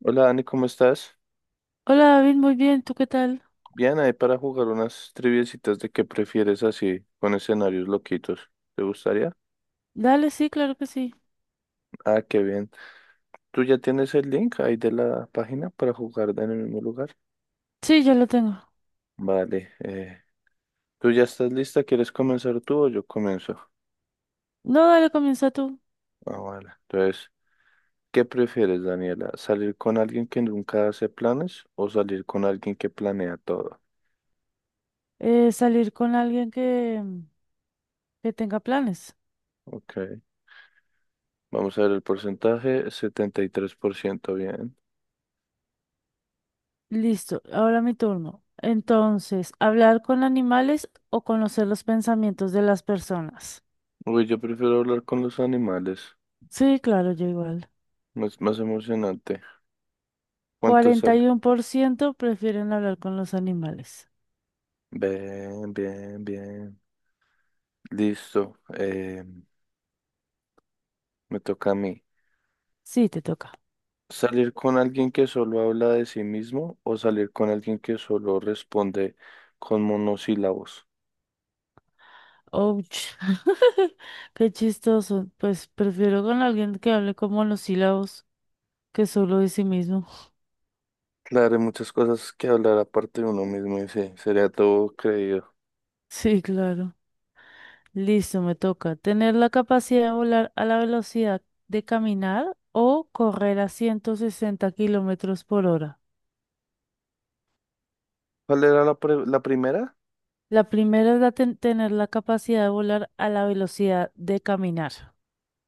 Hola Dani, ¿cómo estás? Hola David, muy bien, ¿tú qué tal? Bien, ahí para jugar unas triviecitas de qué prefieres así, con escenarios loquitos. ¿Te gustaría? Dale, sí, claro que sí. Ah, qué bien. ¿Tú ya tienes el link ahí de la página para jugar en el mismo lugar? Sí, ya lo tengo. Vale. ¿Tú ya estás lista? ¿Quieres comenzar tú o yo comienzo? No, dale, comienza tú. Ah, vale. Entonces, ¿qué prefieres, Daniela? ¿Salir con alguien que nunca hace planes o salir con alguien que planea todo? Salir con alguien que tenga planes. Ok. Vamos a ver el porcentaje, 73% bien. Listo, ahora mi turno. Entonces, hablar con animales o conocer los pensamientos de las personas. Uy, yo prefiero hablar con los animales. Sí, claro, yo igual. Más, más emocionante. ¿Cuánto Cuarenta sale? y uno por ciento prefieren hablar con los animales. Bien, bien, bien. Listo. Me toca a mí. Sí, te toca. ¿Salir con alguien que solo habla de sí mismo o salir con alguien que solo responde con monosílabos? Ouch. Qué chistoso. Pues prefiero con alguien que hable con monosílabos que solo de sí mismo. Claro, hay muchas cosas que hablar aparte de uno mismo y sí, sería todo creído. Sí, claro. Listo, me toca. Tener la capacidad de volar a la velocidad de caminar o correr a 160 km/h. ¿Cuál era la, la primera? La primera es la tener la capacidad de volar a la velocidad de caminar.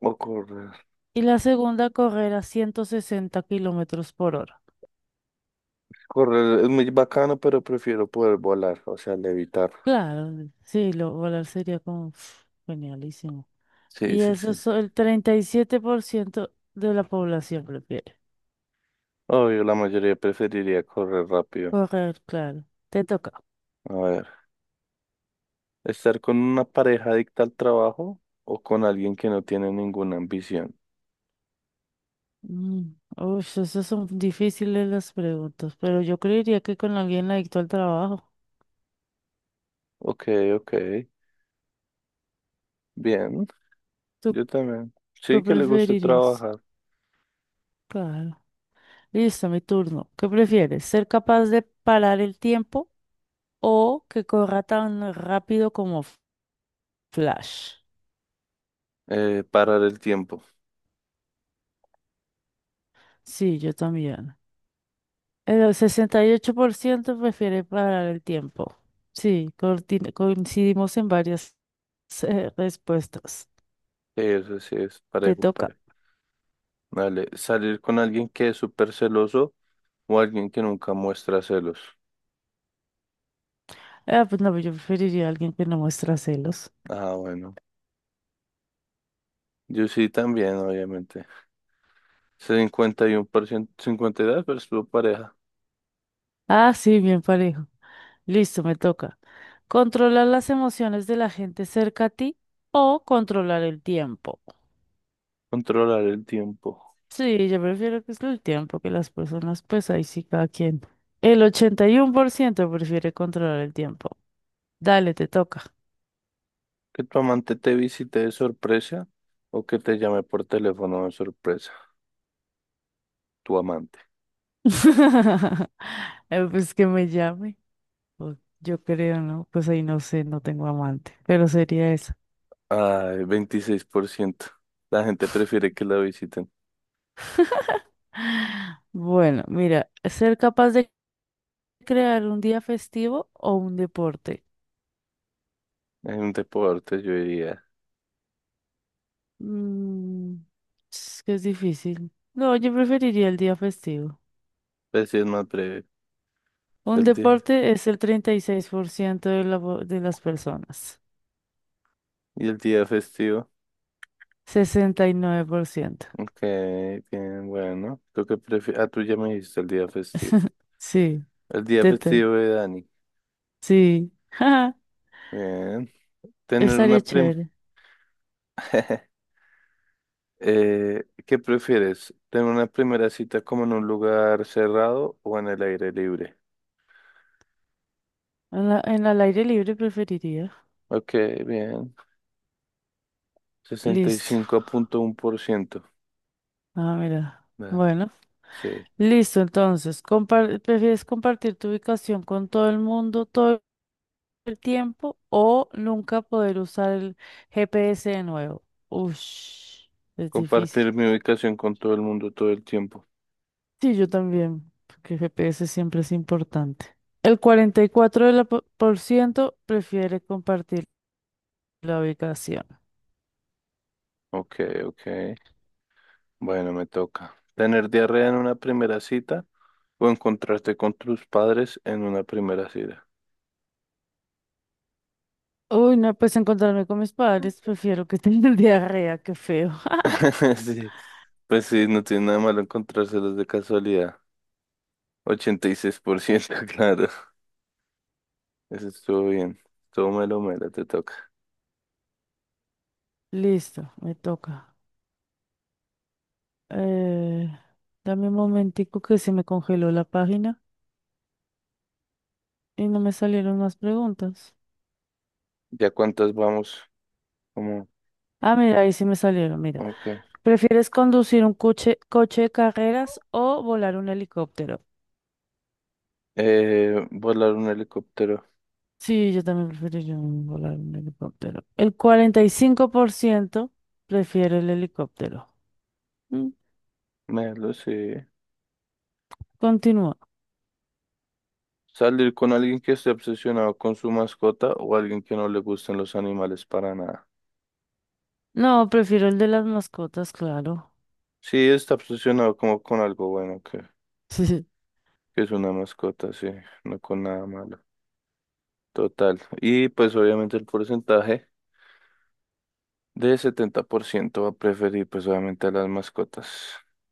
O correr. Y la segunda, correr a 160 km/h. Correr es muy bacano, pero prefiero poder volar, o sea, levitar. Claro, sí, volar sería como uf, genialísimo. Sí, Y sí, eso sí. es el 37% de la población prefiere. Obvio, la mayoría preferiría correr rápido. Correr, claro. Te toca. A ver. Estar con una pareja adicta al trabajo o con alguien que no tiene ninguna ambición. Uf, esas son difíciles las preguntas, pero yo creería que con alguien adicto al trabajo. Ok, ok. Bien, ¿Tú yo también. Sí qué que le guste preferirías? trabajar. Claro. Listo, mi turno. ¿Qué prefieres? ¿Ser capaz de parar el tiempo o que corra tan rápido como Flash? Parar el tiempo. Sí, yo también. El 68% prefiere parar el tiempo. Sí, coincidimos en varias respuestas. Sí, eso sí es Te parejo, toca. parejo. Vale, salir con alguien que es súper celoso o alguien que nunca muestra celos. Ah, pues no, yo preferiría a alguien que no muestra celos. Ah, bueno. Yo sí también, obviamente. y y uno por ciento, cincuenta y dos por 52% pareja. Ah, sí, bien parejo. Listo, me toca. Controlar las emociones de la gente cerca a ti o controlar el tiempo. Controlar el tiempo. Sí, yo prefiero que es el tiempo que las personas, pues ahí sí cada quien. El 81% prefiere controlar el tiempo. Dale, te toca. Que tu amante te visite de sorpresa o que te llame por teléfono de sorpresa, tu amante. Pues que me llame. O yo creo, ¿no? Pues ahí no sé, no tengo amante, pero sería eso. Ay, 26%. La gente prefiere que la visiten. Bueno, mira, ser capaz de crear un día festivo o un deporte. Hay un deporte, yo diría. Mm, es que es difícil. No, yo preferiría el día festivo. Pues sí, es más breve. Un El día, deporte es el 36% de las personas. y el día festivo. 69%. Ok, bien, bueno. ¿Tú qué prefieres? Ah, tú ya me dijiste el día festivo. Sí, El día tete. festivo de Dani. Sí. Bien. Tener una Estaría primera. chévere. ¿Qué prefieres? ¿Tener una primera cita como en un lugar cerrado o en el aire libre? En el aire libre preferiría. Ok, bien. Listo. 65.1%. Ah, mira. Bien, Bueno. sí. Listo, entonces. ¿Prefieres compartir tu ubicación con todo el mundo todo el tiempo o nunca poder usar el GPS de nuevo? Ush, es difícil. Compartir mi ubicación con todo el mundo todo el tiempo. Sí, yo también, porque el GPS siempre es importante. El 44 por ciento prefiere compartir la ubicación. Ok, ok. Bueno, me toca. ¿Tener diarrea en una primera cita o encontrarte con tus padres en una primera cita? Uy, no, pues encontrarme con mis padres, prefiero que tener diarrea, qué feo. Sí, pues sí, no tiene nada malo encontrárselos de casualidad. 86%, claro. Eso estuvo bien. Todo melo, melo, te toca. Listo, me toca. Eh, Dame un momentico que se me congeló la página y no me salieron más preguntas. ¿Ya cuántas vamos? Como, Ah, mira, ahí sí me salieron, mira. ok. ¿Prefieres conducir un coche de carreras o volar un helicóptero? Volar un helicóptero. Sí, yo también preferiría volar un helicóptero. El 45% prefiere el helicóptero. Mm, Melo, sí. Continúa. Salir con alguien que esté obsesionado con su mascota o alguien que no le gusten los animales para nada. No, prefiero el de las mascotas, claro. Sí, está obsesionado como con algo bueno, que es una mascota, sí, no con nada malo. Total. Y pues obviamente el porcentaje de 70% va a preferir pues obviamente a las mascotas.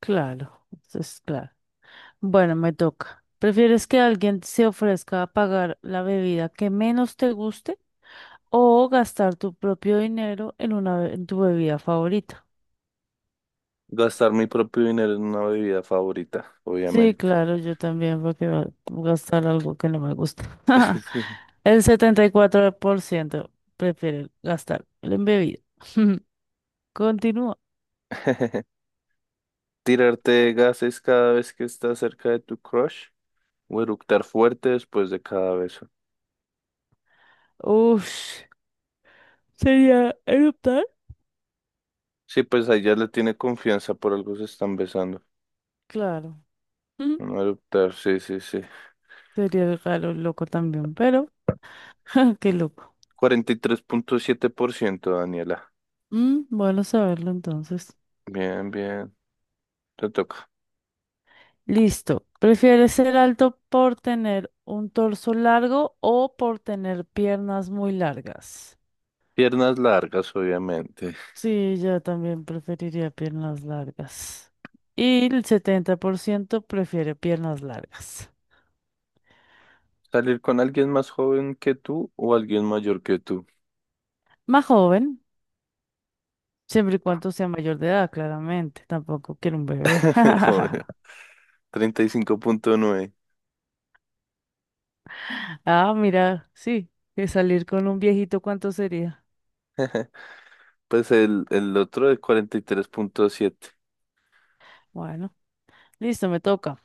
Claro, eso es claro. Bueno, me toca. ¿Prefieres que alguien se ofrezca a pagar la bebida que menos te guste o gastar tu propio dinero en en tu bebida favorita? Gastar mi propio dinero en una bebida favorita, Sí, obviamente. claro, yo también, porque va voy a gastar algo que no me gusta. Sí. El 74% prefiere gastar en bebida. Continúa. Tirarte gases cada vez que estás cerca de tu crush o eructar fuerte después de cada beso. Ush, ¿sería eruptar? Sí, pues ahí ya le tiene confianza, por algo se están besando. Claro. Mm, No adoptar, sí, sí, sí. Sería raro, loco también, pero qué loco. 43.7%, Daniela. Mm, bueno saberlo entonces. Bien, bien, te toca. Listo. ¿Prefieres ser alto por tener un torso largo o por tener piernas muy largas? Piernas largas, obviamente. Sí, yo también preferiría piernas largas. Y el 70% prefiere piernas largas. Salir con alguien más joven que tú o alguien mayor que tú. Más joven, siempre y cuando sea mayor de edad, claramente. Tampoco quiero un bebé. Obvio. 35.9. Ah, mira, sí, que salir con un viejito, ¿cuánto sería? Pues el otro es 43.7. Bueno, listo, me toca.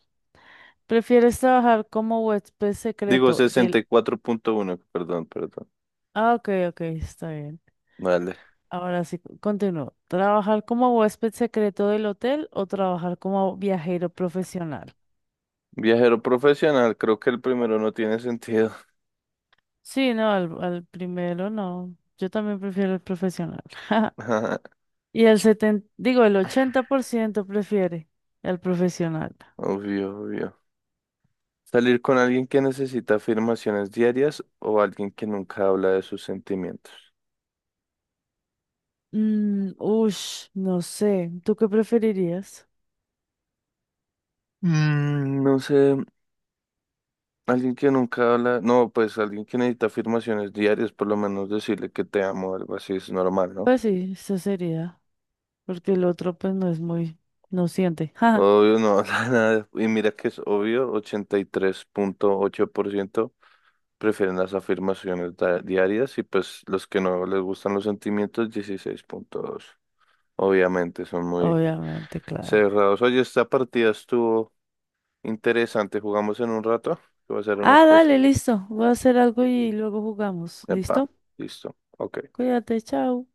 ¿Prefieres trabajar como huésped Digo secreto sesenta del... y cuatro punto uno. perdón, perdón. Ah, ok, ok, está bien. Vale. Ahora sí, continúo. ¿Trabajar como huésped secreto del hotel o trabajar como viajero profesional? Viajero profesional, creo que el primero no tiene sentido. Sí, no, al primero no. Yo también prefiero el profesional. Y el 70, digo, el 80% prefiere el profesional. Obvio, obvio. Salir con alguien que necesita afirmaciones diarias o alguien que nunca habla de sus sentimientos. Mm, ush, no sé. ¿Tú qué preferirías? Mm, no sé, alguien que nunca habla, no, pues alguien que necesita afirmaciones diarias, por lo menos decirle que te amo, o algo así es normal, ¿no? Pues sí, eso sería. Porque el otro, pues no es muy, no siente. Obvio, no habla nada. Y mira que es obvio, 83.8% prefieren las afirmaciones diarias y pues los que no les gustan los sentimientos, 16.2. Obviamente son muy Obviamente, claro. cerrados. Oye, esta partida estuvo... Interesante, jugamos en un rato. Voy a hacer unas Ah, cosas. dale, listo. Voy a hacer algo y luego jugamos. Epa, ¿Listo? listo. Ok. Cuídate, chao.